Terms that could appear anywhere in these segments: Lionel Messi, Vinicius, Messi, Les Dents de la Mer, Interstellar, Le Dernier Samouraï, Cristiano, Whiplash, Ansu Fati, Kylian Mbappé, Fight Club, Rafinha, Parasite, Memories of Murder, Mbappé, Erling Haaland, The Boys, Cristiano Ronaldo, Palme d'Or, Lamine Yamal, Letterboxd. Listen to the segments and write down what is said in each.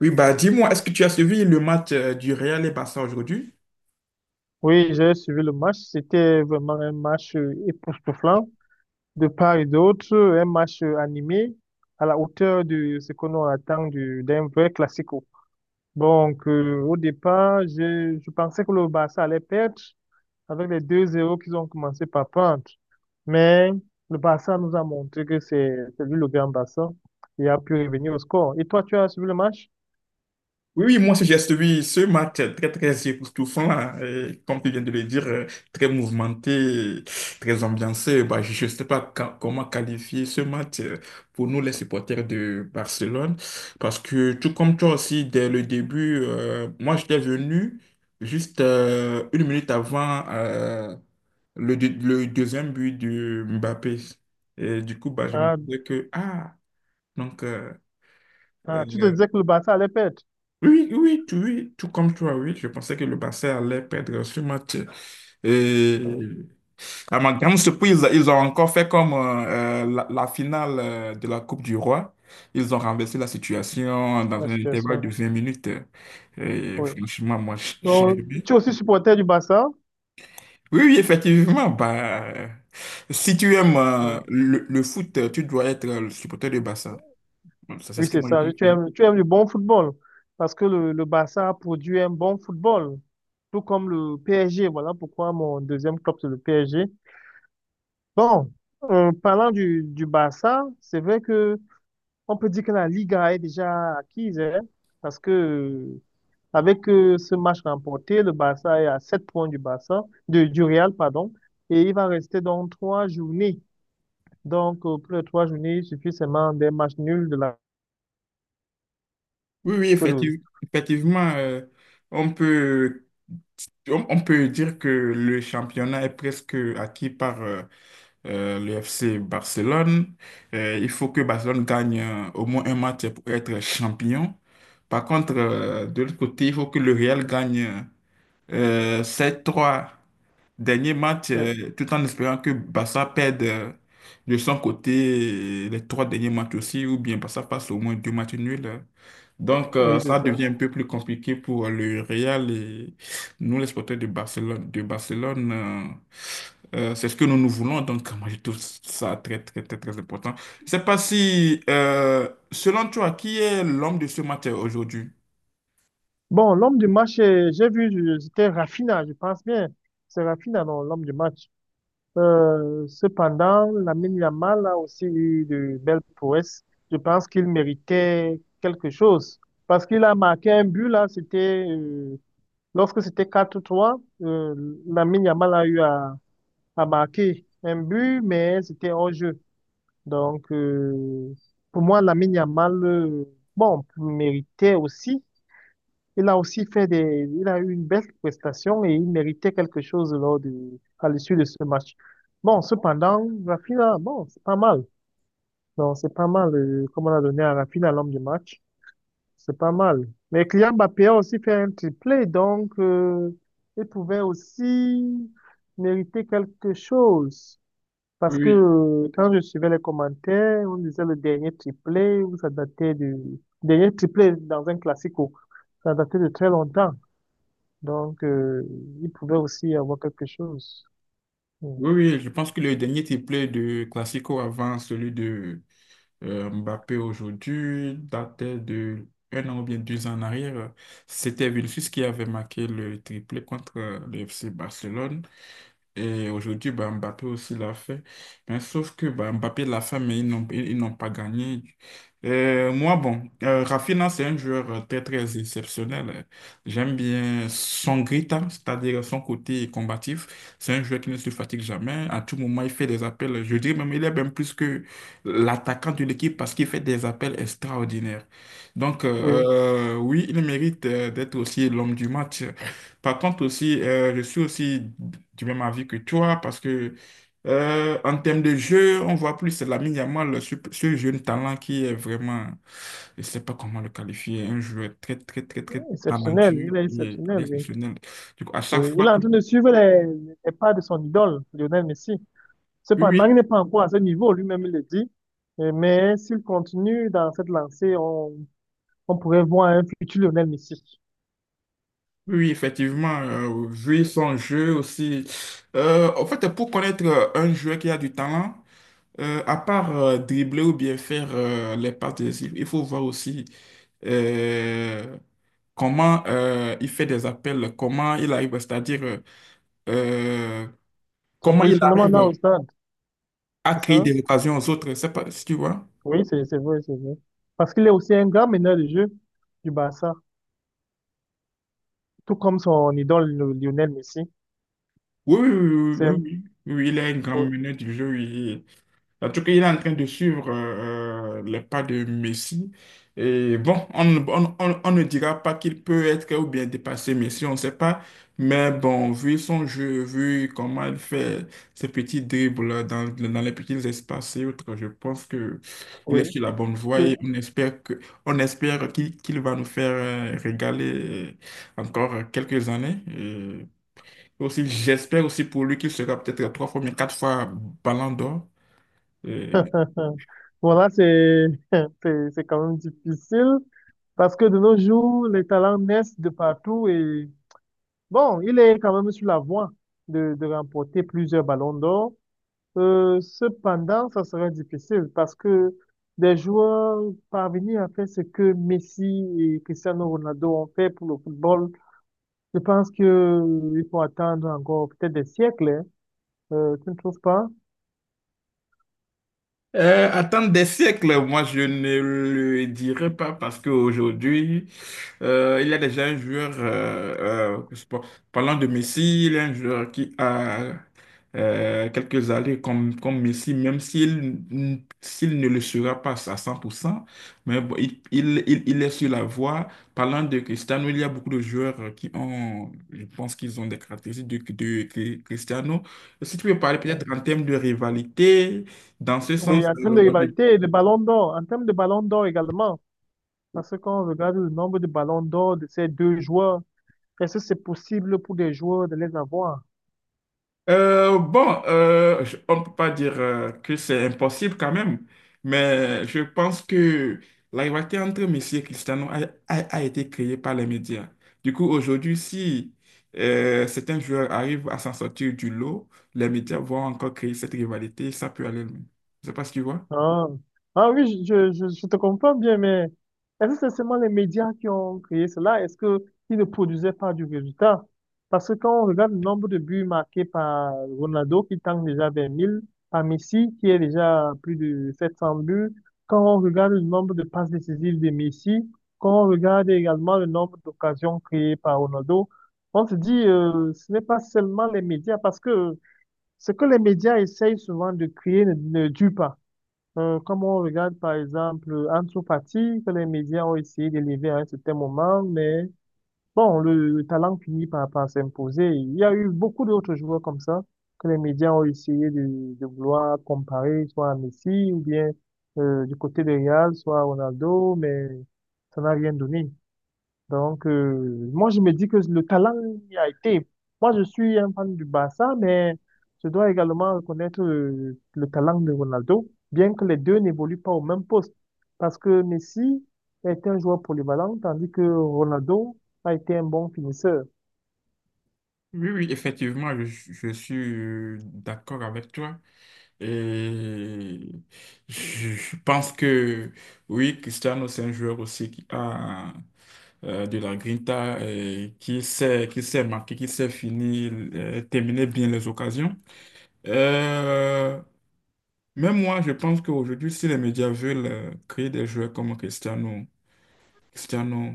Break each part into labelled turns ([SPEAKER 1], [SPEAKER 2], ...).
[SPEAKER 1] Oui, bah dis-moi, est-ce que tu as suivi le match du Real et Barça aujourd'hui?
[SPEAKER 2] Oui, j'ai suivi le match. C'était vraiment un match époustouflant de part et d'autre, un match animé à la hauteur de ce que l'on attend d'un vrai classico. Donc, au départ, je pensais que le Barça allait perdre avec les deux 0 qu'ils ont commencé par prendre. Mais le Barça nous a montré que c'est lui le grand Barça et a pu revenir au score. Et toi, tu as suivi le match?
[SPEAKER 1] Oui, oui, moi aussi, j'ai suivi ce match très, très époustouflant, hein, et comme tu viens de le dire, très mouvementé, très ambiancé. Bah, je ne sais pas comment qualifier ce match pour nous, les supporters de Barcelone, parce que tout comme toi aussi, dès le début, moi, j'étais venu juste une minute avant le deuxième but de Mbappé. Et du coup, bah, je me
[SPEAKER 2] Ah,
[SPEAKER 1] disais que, ah, Donc, euh, euh,
[SPEAKER 2] ah, tu te disais que le Barça allait perdre?
[SPEAKER 1] oui, oui, tout comme toi, oui, je pensais que le Barça allait perdre ce match.
[SPEAKER 2] Ah
[SPEAKER 1] Et
[SPEAKER 2] oui,
[SPEAKER 1] à ma grande surprise, ils ont encore fait comme la finale de la Coupe du Roi. Ils ont renversé la situation dans
[SPEAKER 2] la
[SPEAKER 1] un intervalle de
[SPEAKER 2] situation.
[SPEAKER 1] 20 minutes. Et
[SPEAKER 2] Oui.
[SPEAKER 1] franchement, moi, j'ai
[SPEAKER 2] Donc,
[SPEAKER 1] aimé.
[SPEAKER 2] tu es aussi supporter du Barça?
[SPEAKER 1] Oui, oui, effectivement, bah, si tu aimes
[SPEAKER 2] Ah,
[SPEAKER 1] le foot, tu dois être le supporter du Barça. Ça, c'est
[SPEAKER 2] oui,
[SPEAKER 1] ce que
[SPEAKER 2] c'est
[SPEAKER 1] moi, je
[SPEAKER 2] ça.
[SPEAKER 1] pense,
[SPEAKER 2] Tu
[SPEAKER 1] hein.
[SPEAKER 2] aimes, tu aimes le bon football parce que le Barça produit un bon football, tout comme le PSG. Voilà pourquoi mon deuxième club, c'est le PSG. Bon, en parlant du Barça, c'est vrai que on peut dire que la Liga est déjà acquise, hein, parce que avec ce match remporté, le Barça est à 7 points du Barça, du Real, pardon, et il va rester donc 3 journées. Donc, pour les 3 journées, il suffit seulement des matchs nuls de la.
[SPEAKER 1] Oui, oui,
[SPEAKER 2] parce que le-
[SPEAKER 1] effectivement, on peut, on peut dire que le championnat est presque acquis par le FC Barcelone. Il faut que Barcelone gagne au moins un match pour être champion. Par contre, de l'autre côté, il faut que le Real gagne ses trois derniers matchs
[SPEAKER 2] euh,
[SPEAKER 1] tout en espérant que Barça perde de son côté les trois derniers matchs aussi, ou bien Barça passe au moins deux matchs nuls. Donc,
[SPEAKER 2] oui, c'est
[SPEAKER 1] ça
[SPEAKER 2] ça.
[SPEAKER 1] devient un peu plus compliqué pour le Real et nous, les supporters de Barcelone. De Barcelone, c'est ce que nous nous voulons. Donc, moi, je trouve ça très, très, très, très important. Je sais pas si, selon toi, qui est l'homme de ce match aujourd'hui?
[SPEAKER 2] Bon, l'homme du match, j'ai vu, c'était Rafinha, je pense bien. C'est Rafinha, non, l'homme du match. Cependant, Lamine Yamal a aussi eu de belles prouesses. Je pense qu'il méritait quelque chose. Parce qu'il a marqué un but, là, lorsque c'était 4-3, Lamine Yamal a eu à a marqué un but, mais c'était hors-jeu. Donc, pour moi, Lamine Yamal, bon, méritait aussi. Il a aussi il a eu une belle prestation et il méritait quelque chose à l'issue de ce match. Bon, cependant, Rafinha, bon, c'est pas mal. Donc, c'est pas mal, comme on a donné à Rafinha l'homme du match. C'est pas mal. Mais Kylian Mbappé a aussi fait un triplé, donc, il pouvait aussi mériter quelque chose.
[SPEAKER 1] Oui,
[SPEAKER 2] Parce que
[SPEAKER 1] oui.
[SPEAKER 2] quand je suivais les commentaires, on disait le dernier triplé, où ça datait du dernier triplé dans un classico, ça datait de très longtemps. Donc, il pouvait aussi y avoir quelque chose. Mm.
[SPEAKER 1] Oui, oui, je pense que le dernier triplé de Classico avant celui de Mbappé aujourd'hui datait de 1 an ou bien 2 ans en arrière. C'était Vinicius qui avait marqué le triplé contre le FC Barcelone. Et aujourd'hui, bah, Mbappé aussi l'a fait. Mais sauf que bah, Mbappé l'a fait, mais ils, ils n'ont pas gagné. Moi, bon, Rafinha, c'est un joueur très, très exceptionnel. J'aime bien son grinta, c'est-à-dire son côté combatif. C'est un joueur qui ne se fatigue jamais. À tout moment, il fait des appels. Je dirais même, il est même plus que l'attaquant de l'équipe parce qu'il fait des appels extraordinaires. Donc,
[SPEAKER 2] Oui,
[SPEAKER 1] oui, il mérite d'être aussi l'homme du match. Par contre aussi, je suis aussi du même avis que toi parce que en termes de jeu, on voit plus Lamine Yamal, ce jeune talent qui est vraiment, je ne sais pas comment le qualifier, un joueur très, très, très, très
[SPEAKER 2] exceptionnel,
[SPEAKER 1] talentueux
[SPEAKER 2] il est
[SPEAKER 1] et il est
[SPEAKER 2] exceptionnel, oui.
[SPEAKER 1] exceptionnel. Du coup, à chaque
[SPEAKER 2] Oui, il
[SPEAKER 1] fois
[SPEAKER 2] est
[SPEAKER 1] que…
[SPEAKER 2] en train de suivre les pas de son idole, Lionel Messi.
[SPEAKER 1] Oui,
[SPEAKER 2] Cependant, il
[SPEAKER 1] oui,
[SPEAKER 2] n'est pas encore à ce niveau, lui-même il le dit. Mais s'il continue dans cette lancée, on pourrait voir un futur Lionel Messi.
[SPEAKER 1] oui, oui, effectivement, vu son jeu aussi. En fait, pour connaître un joueur qui a du talent, à part dribbler ou bien faire les passes décisives, il faut voir aussi euh, comment il fait des appels, c'est-à-dire euh,
[SPEAKER 2] Son
[SPEAKER 1] comment il
[SPEAKER 2] positionnement là
[SPEAKER 1] arrive
[SPEAKER 2] au stade,
[SPEAKER 1] à
[SPEAKER 2] c'est
[SPEAKER 1] créer
[SPEAKER 2] ça?
[SPEAKER 1] des occasions aux autres. C'est pas si tu vois.
[SPEAKER 2] Oui, c'est vrai, c'est vrai. Parce qu'il est aussi un grand meneur de jeu du Barça. Tout comme son idole Lionel Messi.
[SPEAKER 1] Oui, oui, oui,
[SPEAKER 2] C'est,
[SPEAKER 1] oui, oui, oui, oui, oui, il est un grand meneur du jeu, oui. En tout cas, il est en train de suivre les pas de Messi. Et bon, on ne dira pas qu'il peut être ou bien dépasser Messi, on ne sait pas. Mais bon, vu son jeu, vu comment il fait ses petits dribbles dans les petits espaces et autres, je pense que il
[SPEAKER 2] oui.
[SPEAKER 1] est sur la bonne voie
[SPEAKER 2] Et-
[SPEAKER 1] et on espère qu'il va nous faire régaler encore quelques années. Et aussi, j'espère aussi pour lui qu'il sera peut-être trois fois, mais quatre fois Ballon d'Or.
[SPEAKER 2] Voilà, c'est quand même difficile parce que de nos jours, les talents naissent de partout et bon, il est quand même sur la voie de remporter plusieurs ballons d'or. Cependant, ça serait difficile parce que des joueurs parvenir à faire ce que Messi et Cristiano Ronaldo ont fait pour le football, je pense que il faut attendre encore peut-être des siècles, hein. Tu ne trouves pas?
[SPEAKER 1] Attendre des siècles, moi je ne le dirais pas parce qu'aujourd'hui, il y a déjà un joueur, je sais pas, parlant de Messi, il y a un joueur qui a quelques années comme, comme Messi, même s'il ne le sera pas à 100%, mais bon, il est sur la voie. Parlant de Cristiano, il y a beaucoup de joueurs qui ont, je pense qu'ils ont des caractéristiques de Cristiano. Si tu peux parler peut-être en termes de rivalité, dans ce sens,
[SPEAKER 2] Oui, en termes de rivalité et de ballon d'or, en termes de ballon d'or également, parce que quand on regarde le nombre de ballons d'or de ces deux joueurs, est-ce que c'est possible pour des joueurs de les avoir?
[SPEAKER 1] On ne peut pas dire que c'est impossible quand même, mais je pense que la rivalité entre Messi et Cristiano a été créée par les médias. Du coup, aujourd'hui, si certains joueurs arrivent à s'en sortir du lot, les médias vont encore créer cette rivalité, ça peut aller loin. Je ne sais pas si tu vois.
[SPEAKER 2] Ah, ah oui, je te comprends bien, mais est-ce que c'est seulement les médias qui ont créé cela? Est-ce que ils ne produisaient pas du résultat? Parce que quand on regarde le nombre de buts marqués par Ronaldo, qui tente déjà vers 1000, par Messi, qui est déjà à plus de 700 buts, quand on regarde le nombre de passes décisives de Messi, quand on regarde également le nombre d'occasions créées par Ronaldo, on se dit, ce n'est pas seulement les médias, parce que ce que les médias essayent souvent de créer ne dure pas. Comme on regarde par exemple Ansu Fati, que les médias ont essayé d'élever à un certain moment, mais bon, le talent finit par s'imposer. Il y a eu beaucoup d'autres joueurs comme ça que les médias ont essayé de vouloir comparer, soit à Messi ou bien du côté de Real, soit à Ronaldo, mais ça n'a rien donné. Donc, moi, je me dis que le talent y a été. Moi, je suis un fan du Barça, mais je dois également reconnaître le talent de Ronaldo, bien que les deux n'évoluent pas au même poste. Parce que Messi est un joueur polyvalent, tandis que Ronaldo a été un bon finisseur.
[SPEAKER 1] Oui, oui, effectivement, je suis d'accord avec toi et je pense que oui, Cristiano, c'est un joueur aussi qui a de la Grinta et qui sait marquer, qui sait finir, terminer bien les occasions. Euh, même moi, je pense qu'aujourd'hui, si les médias veulent créer des joueurs comme Cristiano, Cristiano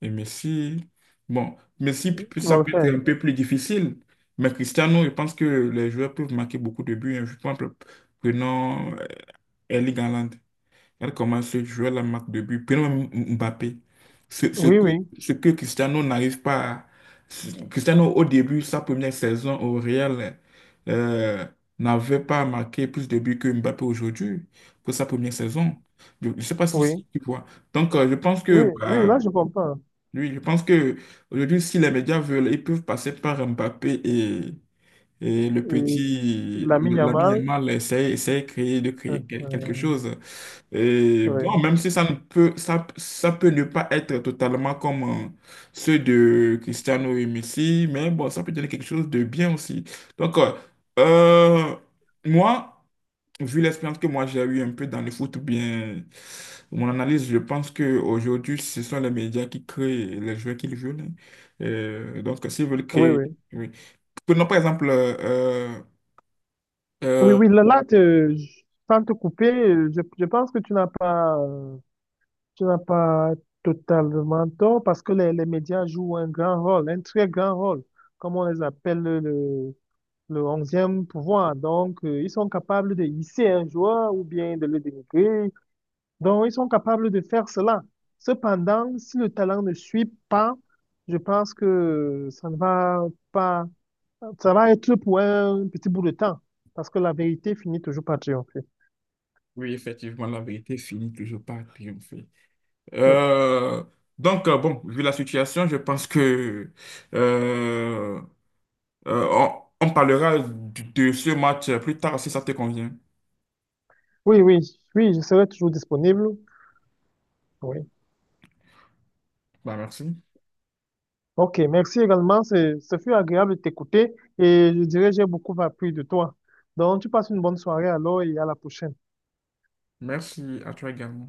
[SPEAKER 1] et Messi, bon, Messi,
[SPEAKER 2] Ils
[SPEAKER 1] ça
[SPEAKER 2] vont le
[SPEAKER 1] peut
[SPEAKER 2] faire.
[SPEAKER 1] être un peu plus difficile, mais Cristiano, je pense que les joueurs peuvent marquer beaucoup de buts, hein. Je pense, prenons Erling Haaland. Regarde comment ce joueur la marque de but. Prenons même Mbappé. Ce, ce
[SPEAKER 2] Oui,
[SPEAKER 1] que,
[SPEAKER 2] oui,
[SPEAKER 1] ce que Cristiano n'arrive pas à- Cristiano, au début, sa première saison au Real, euh, n'avait pas marqué plus de buts que Mbappé aujourd'hui pour sa première saison. Je ne sais pas si,
[SPEAKER 2] oui,
[SPEAKER 1] si tu vois. Donc, je pense
[SPEAKER 2] oui,
[SPEAKER 1] que,
[SPEAKER 2] oui,
[SPEAKER 1] bah,
[SPEAKER 2] là je comprends.
[SPEAKER 1] lui, je pense que aujourd'hui, si les médias veulent, ils peuvent passer par Mbappé et le
[SPEAKER 2] Et
[SPEAKER 1] petit
[SPEAKER 2] Lamine
[SPEAKER 1] l'ami
[SPEAKER 2] Yamal,
[SPEAKER 1] Yamal, essayer de
[SPEAKER 2] euh,
[SPEAKER 1] créer quelque
[SPEAKER 2] euh,
[SPEAKER 1] chose. Et
[SPEAKER 2] oui,
[SPEAKER 1] bon, même si ça ne peut, ça peut ne pas être totalement comme ceux de Cristiano et Messi, mais bon, ça peut donner quelque chose de bien aussi. Donc, euh, moi, vu l'expérience que moi j'ai eue un peu dans le foot, ou bien mon analyse, je pense qu'aujourd'hui, ce sont les médias qui créent les joueurs qu'ils veulent, hein. Donc, s'ils veulent
[SPEAKER 2] oui,
[SPEAKER 1] créer.
[SPEAKER 2] oui,
[SPEAKER 1] Oui. Prenons par exemple.
[SPEAKER 2] oui,
[SPEAKER 1] Euh, euh,
[SPEAKER 2] oui, là, là, sans te couper, je pense que tu n'as pas totalement tort parce que les médias jouent un grand rôle, un très grand rôle, comme on les appelle le onzième pouvoir. Donc, ils sont capables de hisser un joueur ou bien de le dénigrer. Donc, ils sont capables de faire cela. Cependant, si le talent ne suit pas, je pense que ça ne va pas, ça va être pour un petit bout de temps, parce que la vérité finit toujours par triompher.
[SPEAKER 1] oui, effectivement, la vérité finit toujours par triompher.
[SPEAKER 2] Oui,
[SPEAKER 1] Euh, donc, bon, vu la situation, je pense que euh, on parlera de ce match plus tard si ça te convient.
[SPEAKER 2] oui, oui, oui, je serai toujours disponible. Oui.
[SPEAKER 1] Bah, merci.
[SPEAKER 2] Ok, merci également. Ce fut agréable de t'écouter et je dirais j'ai beaucoup appris de toi. Donc, tu passes une bonne soirée alors et à la prochaine.
[SPEAKER 1] Merci à toi également.